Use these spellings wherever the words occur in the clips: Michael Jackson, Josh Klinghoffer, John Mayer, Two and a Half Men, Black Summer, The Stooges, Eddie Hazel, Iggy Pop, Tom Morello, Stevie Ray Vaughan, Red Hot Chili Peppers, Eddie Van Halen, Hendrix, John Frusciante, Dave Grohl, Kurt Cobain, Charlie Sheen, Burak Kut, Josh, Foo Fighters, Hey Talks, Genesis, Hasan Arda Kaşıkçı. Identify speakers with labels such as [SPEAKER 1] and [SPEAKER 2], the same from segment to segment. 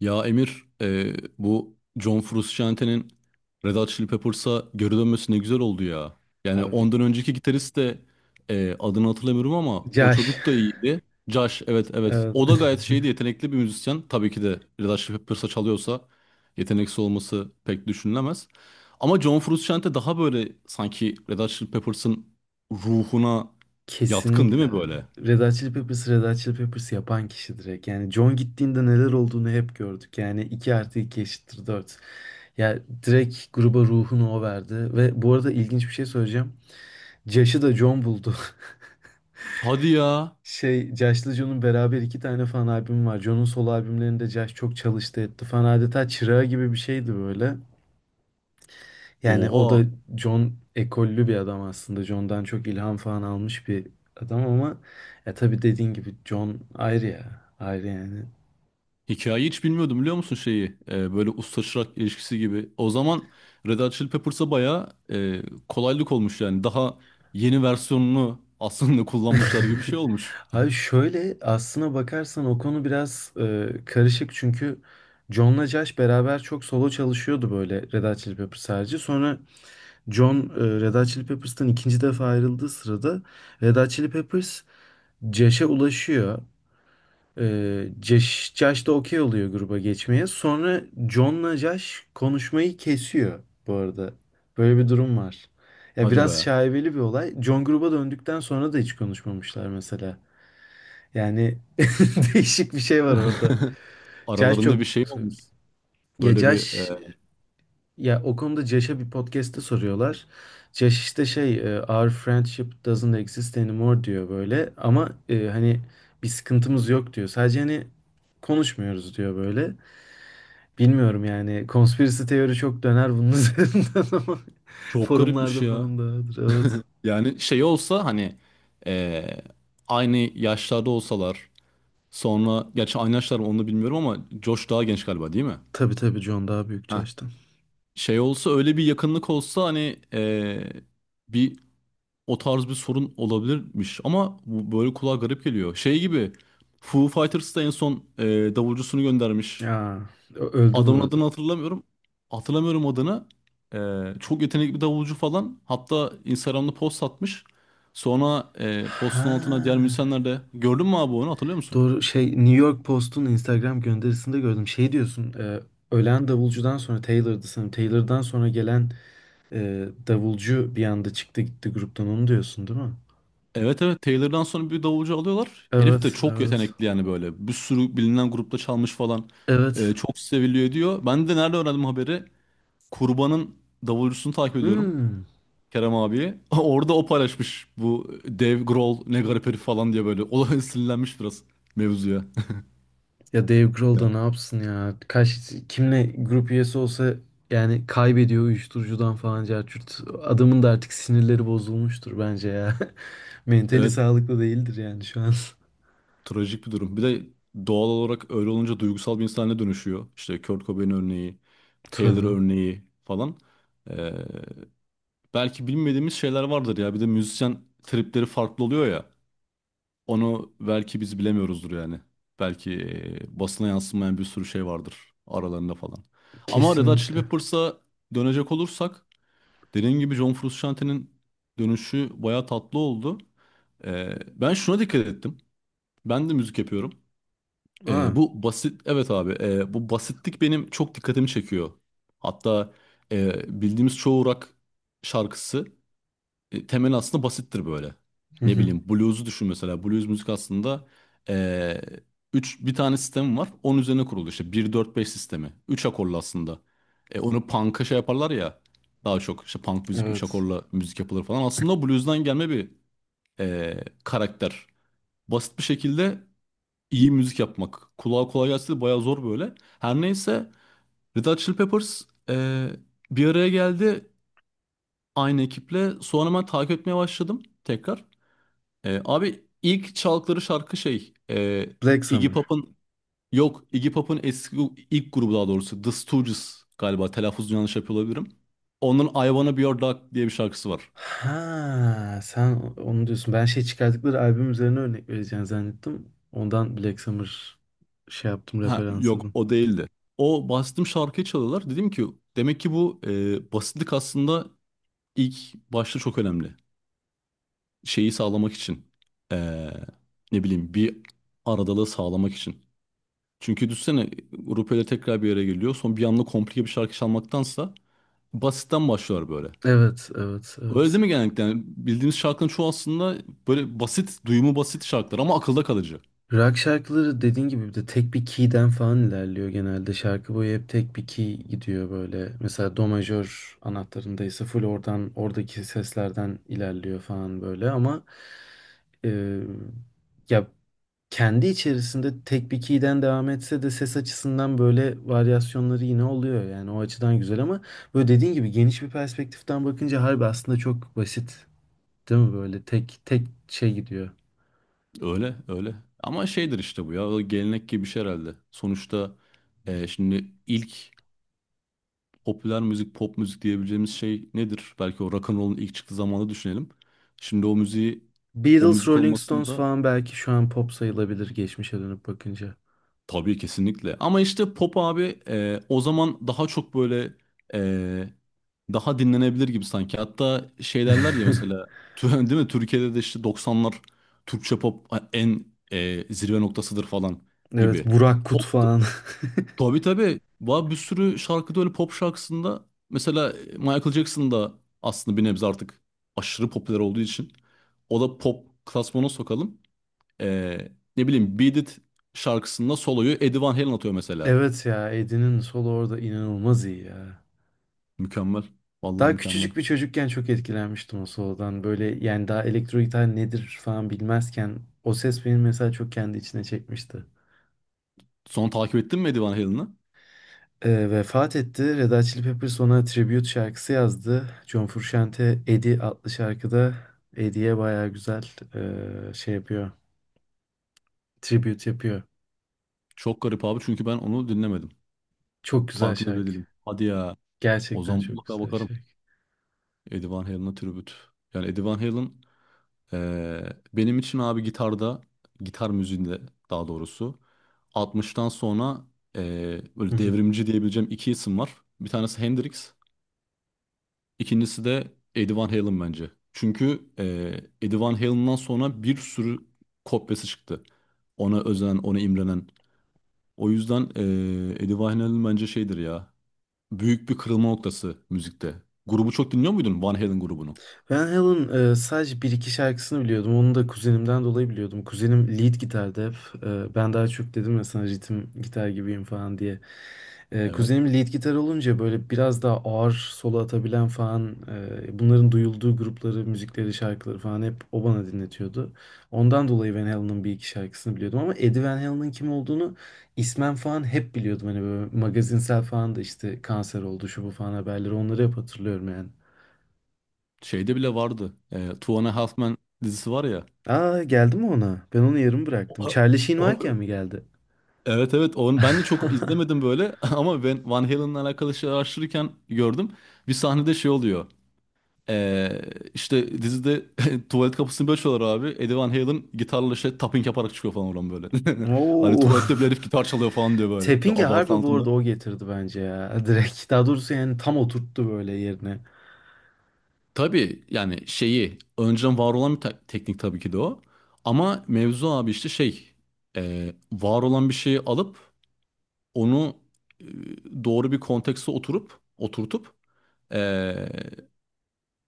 [SPEAKER 1] Ya Emir, bu John Frusciante'nin Red Hot Chili Peppers'a geri dönmesi ne güzel oldu ya. Yani
[SPEAKER 2] Abi
[SPEAKER 1] ondan önceki gitarist de adını hatırlamıyorum ama o
[SPEAKER 2] Yaş.
[SPEAKER 1] çocuk da iyiydi. Josh, evet evet.
[SPEAKER 2] Evet.
[SPEAKER 1] O da gayet şeydi, yetenekli bir müzisyen. Tabii ki de Red Hot Chili Peppers'a çalıyorsa yeteneksiz olması pek düşünülemez. Ama John Frusciante daha böyle sanki Red Hot Chili Peppers'ın ruhuna yatkın değil
[SPEAKER 2] Kesinlikle
[SPEAKER 1] mi
[SPEAKER 2] abi.
[SPEAKER 1] böyle?
[SPEAKER 2] Red Hot Chili Peppers, Red Hot Chili Peppers yapan kişi direkt. Yani John gittiğinde neler olduğunu hep gördük. Yani 2 artı 2 eşittir 4. Ya direkt gruba ruhunu o verdi. Ve bu arada ilginç bir şey söyleyeceğim. Josh'ı da John buldu.
[SPEAKER 1] Hadi ya.
[SPEAKER 2] Josh'la John'un beraber iki tane fan albümü var. John'un solo albümlerinde Josh çok çalıştı etti falan. Adeta çırağı gibi bir şeydi böyle. Yani o da
[SPEAKER 1] Oha.
[SPEAKER 2] John ekollü bir adam aslında. John'dan çok ilham falan almış bir adam ama ya tabii dediğin gibi John ayrı ya. Ayrı yani.
[SPEAKER 1] Hikayeyi hiç bilmiyordum biliyor musun şeyi? Böyle usta çırak ilişkisi gibi. O zaman Red Hot Chili Peppers'a bayağı kolaylık olmuş yani. Daha yeni versiyonunu aslında kullanmışlar gibi bir şey olmuş.
[SPEAKER 2] Abi şöyle aslına bakarsan o konu biraz karışık çünkü John'la Josh beraber çok solo çalışıyordu böyle Red Hot Chili Peppers harici. Sonra John Red Hot Chili Peppers'tan ikinci defa ayrıldığı sırada Red Hot Chili Peppers Josh'a ulaşıyor. Josh da okey oluyor gruba geçmeye. Sonra John'la Josh konuşmayı kesiyor bu arada. Böyle bir durum var. Ya
[SPEAKER 1] Hadi
[SPEAKER 2] biraz
[SPEAKER 1] be.
[SPEAKER 2] şaibeli bir olay. John gruba döndükten sonra da hiç konuşmamışlar mesela. Yani değişik bir şey var orada. Josh çok...
[SPEAKER 1] Aralarında bir şey olmuş.
[SPEAKER 2] Ya
[SPEAKER 1] Böyle bir
[SPEAKER 2] Josh ya o konuda Josh'a bir podcast'te soruyorlar. Josh işte Our friendship doesn't exist anymore diyor böyle. Ama hani bir sıkıntımız yok diyor. Sadece hani konuşmuyoruz diyor böyle. Bilmiyorum yani konspirasi teori çok döner bunun üzerinden ama
[SPEAKER 1] çok garipmiş
[SPEAKER 2] forumlarda
[SPEAKER 1] ya.
[SPEAKER 2] falan dağıdır evet.
[SPEAKER 1] Yani şey olsa hani e, aynı yaşlarda olsalar sonra gerçi aynı yaşlar mı onu da bilmiyorum ama Josh daha genç galiba değil mi?
[SPEAKER 2] Tabii tabii, John daha büyük
[SPEAKER 1] Ha.
[SPEAKER 2] Josh'tan.
[SPEAKER 1] Şey olsa öyle bir yakınlık olsa hani bir O tarz bir sorun olabilirmiş ama bu böyle kulağa garip geliyor. Şey gibi Foo Fighters da en son davulcusunu göndermiş.
[SPEAKER 2] Ya öldü bu
[SPEAKER 1] Adamın
[SPEAKER 2] arada.
[SPEAKER 1] adını hatırlamıyorum. Hatırlamıyorum adını. E, Çok yetenekli bir davulcu falan. Hatta Instagram'da post atmış. Sonra postun altına diğer
[SPEAKER 2] Ha.
[SPEAKER 1] müzisyenler de gördün mü abi onu hatırlıyor musun?
[SPEAKER 2] Doğru, şey, New York Post'un Instagram gönderisinde gördüm. Şey diyorsun, ölen davulcudan sonra Taylor'dı sanırım. Taylor'dan sonra gelen davulcu bir anda çıktı gitti gruptan, onu diyorsun değil mi?
[SPEAKER 1] Evet evet, Taylor'dan sonra bir davulcu alıyorlar. Herif de
[SPEAKER 2] Evet,
[SPEAKER 1] çok
[SPEAKER 2] evet.
[SPEAKER 1] yetenekli yani böyle. Bir sürü bilinen grupta çalmış falan.
[SPEAKER 2] Evet.
[SPEAKER 1] Çok seviliyor diyor. Ben de nerede öğrendim haberi? Kurban'ın davulcusunu takip ediyorum.
[SPEAKER 2] Hmm.
[SPEAKER 1] Kerem abiyi. Orada o paylaşmış bu Dave Grohl ne garip herif falan diye böyle. O sinirlenmiş biraz mevzuya.
[SPEAKER 2] Ya Dave Grohl da
[SPEAKER 1] Yani
[SPEAKER 2] ne yapsın ya? Kaç kimle grup üyesi olsa yani kaybediyor uyuşturucudan falan carçurt. Adamın da artık sinirleri bozulmuştur bence ya. Mentali
[SPEAKER 1] evet,
[SPEAKER 2] sağlıklı değildir yani şu an.
[SPEAKER 1] trajik bir durum. Bir de doğal olarak öyle olunca duygusal bir insana dönüşüyor. İşte Kurt Cobain örneği, Taylor
[SPEAKER 2] Tabii.
[SPEAKER 1] örneği falan. Ee, Belki bilmediğimiz şeyler vardır ya. Bir de müzisyen tripleri farklı oluyor ya. Onu belki biz bilemiyoruzdur yani. Belki basına yansımayan bir sürü şey vardır aralarında falan. Ama Red Hot Chili
[SPEAKER 2] Kesinlikle.
[SPEAKER 1] Peppers'a dönecek olursak dediğim gibi John Frusciante'nin dönüşü bayağı tatlı oldu. E, ben şuna dikkat ettim. Ben de müzik yapıyorum.
[SPEAKER 2] Aa.
[SPEAKER 1] E, bu basit, evet abi, bu basitlik benim çok dikkatimi çekiyor. Hatta bildiğimiz çoğu rock şarkısı temeli aslında basittir böyle. Ne bileyim blues'u düşün mesela. Blues müzik aslında e, üç, bir tane sistemi var. Onun üzerine kurulu işte bir dört beş sistemi. Üç akorlu aslında. E, onu punk'a şey yaparlar ya. Daha çok işte punk müzik 3
[SPEAKER 2] Evet.
[SPEAKER 1] akorla müzik yapılır falan. Aslında o blues'dan gelme bir karakter. Basit bir şekilde iyi müzik yapmak. Kulağa kolay gelse de bayağı zor böyle. Her neyse, Red Hot Chili Peppers e, bir araya geldi aynı ekiple. Sonra ben takip etmeye başladım tekrar. Abi ilk çaldıkları şarkı şey,
[SPEAKER 2] Black
[SPEAKER 1] Iggy
[SPEAKER 2] Summer.
[SPEAKER 1] Pop'un, yok, Iggy Pop'un eski ilk grubu daha doğrusu, The Stooges galiba, telaffuzunu yanlış yapıyor olabilirim. Onun I Wanna Be Your Dog diye bir şarkısı var.
[SPEAKER 2] Ha, sen onu diyorsun. Ben şey çıkardıkları albüm üzerine örnek vereceğini zannettim. Ondan Black Summer şey yaptım,
[SPEAKER 1] Ha,
[SPEAKER 2] referans
[SPEAKER 1] yok
[SPEAKER 2] aldım.
[SPEAKER 1] o değildi. O bastım şarkıyı çalıyorlar. Dedim ki demek ki bu basitlik aslında ilk başta çok önemli. Şeyi sağlamak için, e, ne bileyim, bir aradalığı sağlamak için. Çünkü düşünsene grup öyle tekrar bir yere geliyor. Son bir anda komplike bir şarkı çalmaktansa basitten başlar böyle.
[SPEAKER 2] Evet, evet,
[SPEAKER 1] Öyle
[SPEAKER 2] evet.
[SPEAKER 1] değil mi genellikle? Yani bildiğimiz şarkının çoğu aslında böyle basit, duyumu basit şarkılar ama akılda kalıcı.
[SPEAKER 2] Rock şarkıları, dediğin gibi, bir de tek bir key'den falan ilerliyor genelde. Şarkı boyu hep tek bir key gidiyor böyle. Mesela do majör anahtarında ise full oradan, oradaki seslerden ilerliyor falan böyle ama e, ya kendi içerisinde tek bir key'den devam etse de ses açısından böyle varyasyonları yine oluyor. Yani o açıdan güzel ama böyle dediğin gibi geniş bir perspektiften bakınca harbi aslında çok basit. Değil mi, böyle tek tek şey gidiyor.
[SPEAKER 1] Öyle, öyle. Ama şeydir işte bu ya, o gelenek gibi bir şey herhalde. Sonuçta şimdi ilk popüler müzik, pop müzik diyebileceğimiz şey nedir? Belki o rock and roll'un ilk çıktığı zamanı düşünelim. Şimdi o müziği, o
[SPEAKER 2] Beatles,
[SPEAKER 1] müzik
[SPEAKER 2] Rolling Stones
[SPEAKER 1] olmasında,
[SPEAKER 2] falan belki şu an pop sayılabilir geçmişe dönüp bakınca.
[SPEAKER 1] tabii kesinlikle. Ama işte pop abi, o zaman daha çok böyle e, daha dinlenebilir gibi sanki. Hatta şey derler ya mesela değil mi? Türkiye'de de işte 90'lar Türkçe pop en zirve noktasıdır falan
[SPEAKER 2] Evet,
[SPEAKER 1] gibi.
[SPEAKER 2] Burak Kut
[SPEAKER 1] Pop,
[SPEAKER 2] falan.
[SPEAKER 1] tabii tabii. Var bir sürü şarkıda öyle, pop şarkısında mesela Michael Jackson da aslında bir nebze artık aşırı popüler olduğu için o da pop klasmana sokalım. Ee, Ne bileyim, Beat It şarkısında soloyu Eddie Van Halen atıyor mesela.
[SPEAKER 2] Evet ya, Eddie'nin solo orada inanılmaz iyi ya.
[SPEAKER 1] Mükemmel. Vallahi
[SPEAKER 2] Daha küçücük
[SPEAKER 1] mükemmel.
[SPEAKER 2] bir çocukken çok etkilenmiştim o solodan. Böyle yani daha elektro gitar nedir falan bilmezken o ses beni mesela çok kendi içine çekmişti.
[SPEAKER 1] Sonra takip ettin mi Eddie Van Halen'ı?
[SPEAKER 2] Vefat etti. Red Hot Chili Peppers ona tribute şarkısı yazdı. John Frusciante Eddie adlı şarkıda Eddie'ye baya güzel şey yapıyor. Tribute yapıyor.
[SPEAKER 1] Çok garip abi, çünkü ben onu dinlemedim.
[SPEAKER 2] Çok güzel
[SPEAKER 1] Farkında bile
[SPEAKER 2] şarkı.
[SPEAKER 1] değilim. Hadi ya. O
[SPEAKER 2] Gerçekten
[SPEAKER 1] zaman
[SPEAKER 2] çok
[SPEAKER 1] mutlaka
[SPEAKER 2] güzel
[SPEAKER 1] bakarım.
[SPEAKER 2] şarkı.
[SPEAKER 1] Eddie Van Halen'a tribüt. Yani Eddie Van Halen ee, benim için abi gitarda, gitar müziğinde daha doğrusu, 60'tan sonra
[SPEAKER 2] Hı
[SPEAKER 1] böyle
[SPEAKER 2] hı.
[SPEAKER 1] devrimci diyebileceğim iki isim var. Bir tanesi Hendrix. İkincisi de Eddie Van Halen bence. Çünkü Eddie Van Halen'dan sonra bir sürü kopyası çıktı. Ona özen, ona imrenen. O yüzden Eddie Van Halen bence şeydir ya. Büyük bir kırılma noktası müzikte. Grubu çok dinliyor muydun Van Halen grubunu?
[SPEAKER 2] Van Halen sadece bir iki şarkısını biliyordum. Onu da kuzenimden dolayı biliyordum. Kuzenim lead gitardı hep. E, ben daha çok dedim ya sana ritim gitar gibiyim falan diye.
[SPEAKER 1] Evet.
[SPEAKER 2] Kuzenim lead gitar olunca böyle biraz daha ağır solo atabilen falan bunların duyulduğu grupları, müzikleri, şarkıları falan hep o bana dinletiyordu. Ondan dolayı Van Halen'ın bir iki şarkısını biliyordum ama Eddie Van Halen'ın kim olduğunu ismen falan hep biliyordum. Hani böyle magazinsel falan da işte kanser oldu şu bu falan, haberleri onları hep hatırlıyorum yani.
[SPEAKER 1] Şeyde bile vardı. Two and a Half Men dizisi var ya.
[SPEAKER 2] Aa, geldi mi ona? Ben onu yarım bıraktım.
[SPEAKER 1] O-
[SPEAKER 2] Charlie Sheen varken
[SPEAKER 1] o-
[SPEAKER 2] mi geldi?
[SPEAKER 1] evet evet, onu ben de çok izlemedim böyle ama ben Van Halen'la alakalı şey araştırırken gördüm. Bir sahnede şey oluyor. Ee, işte dizide tuvalet kapısını böyle çalıyorlar abi. Eddie Van Halen gitarla şey tapping yaparak çıkıyor falan oradan böyle. Hani
[SPEAKER 2] Oo.
[SPEAKER 1] tuvalette bile herif gitar çalıyor falan diyor böyle. Ve
[SPEAKER 2] Tapping'i
[SPEAKER 1] abartı
[SPEAKER 2] harbi bu
[SPEAKER 1] altında.
[SPEAKER 2] arada o getirdi bence ya. Direkt. Daha doğrusu yani tam oturttu böyle yerine.
[SPEAKER 1] Tabii yani şeyi önceden var olan bir teknik tabii ki de o. Ama mevzu abi işte şey, var olan bir şeyi alıp onu doğru bir kontekste oturup oturtup, e,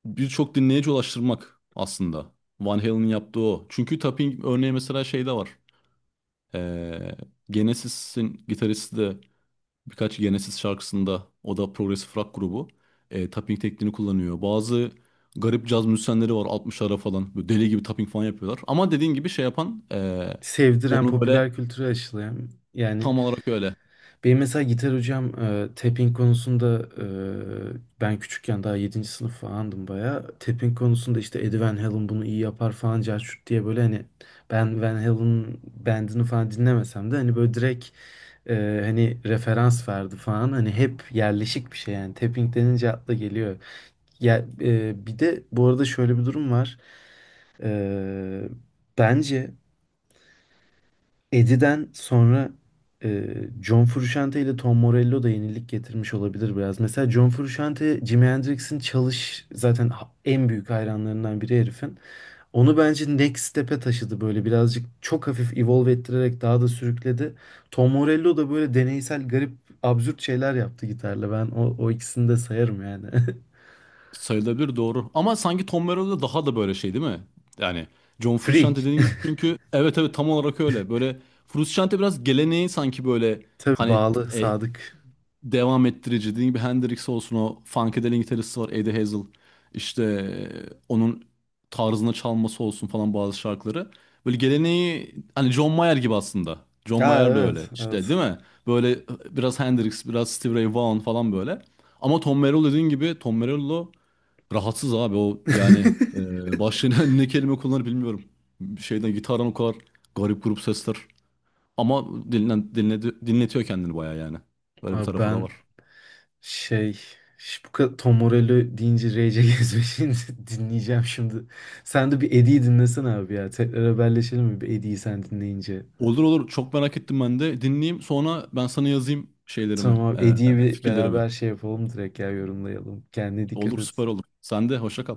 [SPEAKER 1] birçok dinleyici ulaştırmak aslında. Van Halen'in yaptığı o. Çünkü tapping örneği mesela şeyde var. Ee, Genesis'in gitaristi de birkaç Genesis şarkısında, o da progresif rock grubu, tapping tekniğini kullanıyor. Bazı garip caz müzisyenleri var 60'lara falan, böyle deli gibi tapping falan yapıyorlar. Ama dediğin gibi şey yapan
[SPEAKER 2] Sevdiren,
[SPEAKER 1] onu böyle
[SPEAKER 2] popüler kültüre aşılayan. Yani
[SPEAKER 1] tam olarak öyle
[SPEAKER 2] benim mesela gitar hocam, tapping konusunda, ben küçükken daha yedinci sınıf falandım bayağı. Tapping konusunda işte Eddie Van Halen bunu iyi yapar falan carçurt diye böyle, hani ben Van Halen'ın bandını falan dinlemesem de hani böyle direkt e, hani referans verdi falan. Hani hep yerleşik bir şey yani. Tapping denince akla geliyor. Ya, bir de bu arada şöyle bir durum var. E, bence Eddie'den sonra e, John Frusciante ile Tom Morello da yenilik getirmiş olabilir biraz. Mesela John Frusciante, Jimi Hendrix'in çalış zaten en büyük hayranlarından biri herifin. Onu bence next step'e taşıdı böyle birazcık, çok hafif evolve ettirerek daha da sürükledi. Tom Morello da böyle deneysel, garip, absürt şeyler yaptı gitarla. Ben o ikisini de sayarım yani.
[SPEAKER 1] sayılabilir, doğru. Ama sanki Tom Morello'da daha da böyle şey değil mi? Yani John Frusciante
[SPEAKER 2] Freak.
[SPEAKER 1] dediğin gibi çünkü evet evet, tam olarak öyle. Böyle Frusciante biraz geleneği sanki böyle,
[SPEAKER 2] Tabii,
[SPEAKER 1] hani
[SPEAKER 2] bağlı,
[SPEAKER 1] e,
[SPEAKER 2] sadık.
[SPEAKER 1] devam ettirici. Dediğim gibi Hendrix olsun, o funkadelic gitaristi var Eddie Hazel. İşte onun tarzına çalması olsun falan bazı şarkıları. Böyle geleneği hani John Mayer gibi aslında. John
[SPEAKER 2] Aa,
[SPEAKER 1] Mayer de
[SPEAKER 2] evet,
[SPEAKER 1] öyle işte
[SPEAKER 2] evet.
[SPEAKER 1] değil mi? Böyle biraz Hendrix, biraz Stevie Ray Vaughan falan böyle. Ama Tom Morello dediğin gibi, Tom Morello rahatsız abi o yani, başlığına ne kelime kullanır bilmiyorum. Şeyden gitardan o kadar garip grup sesler. Ama dinletiyor kendini bayağı yani. Böyle bir
[SPEAKER 2] Abi
[SPEAKER 1] tarafı da
[SPEAKER 2] ben
[SPEAKER 1] var.
[SPEAKER 2] şey, şu bu kadar Tom Morello deyince Rage Against the Machine'i dinleyeceğim şimdi. Sen de bir Eddie'yi dinlesene abi ya. Tekrar haberleşelim mi bir Eddie'yi sen dinleyince.
[SPEAKER 1] Olur olur. Çok merak ettim ben de. Dinleyeyim. Sonra ben sana yazayım şeylerimi,
[SPEAKER 2] Tamam abi, Eddie'yi bir
[SPEAKER 1] fikirlerimi.
[SPEAKER 2] beraber şey yapalım direkt, ya yorumlayalım. Kendine dikkat
[SPEAKER 1] Olur,
[SPEAKER 2] et.
[SPEAKER 1] süper olur. Sen de hoşça kal.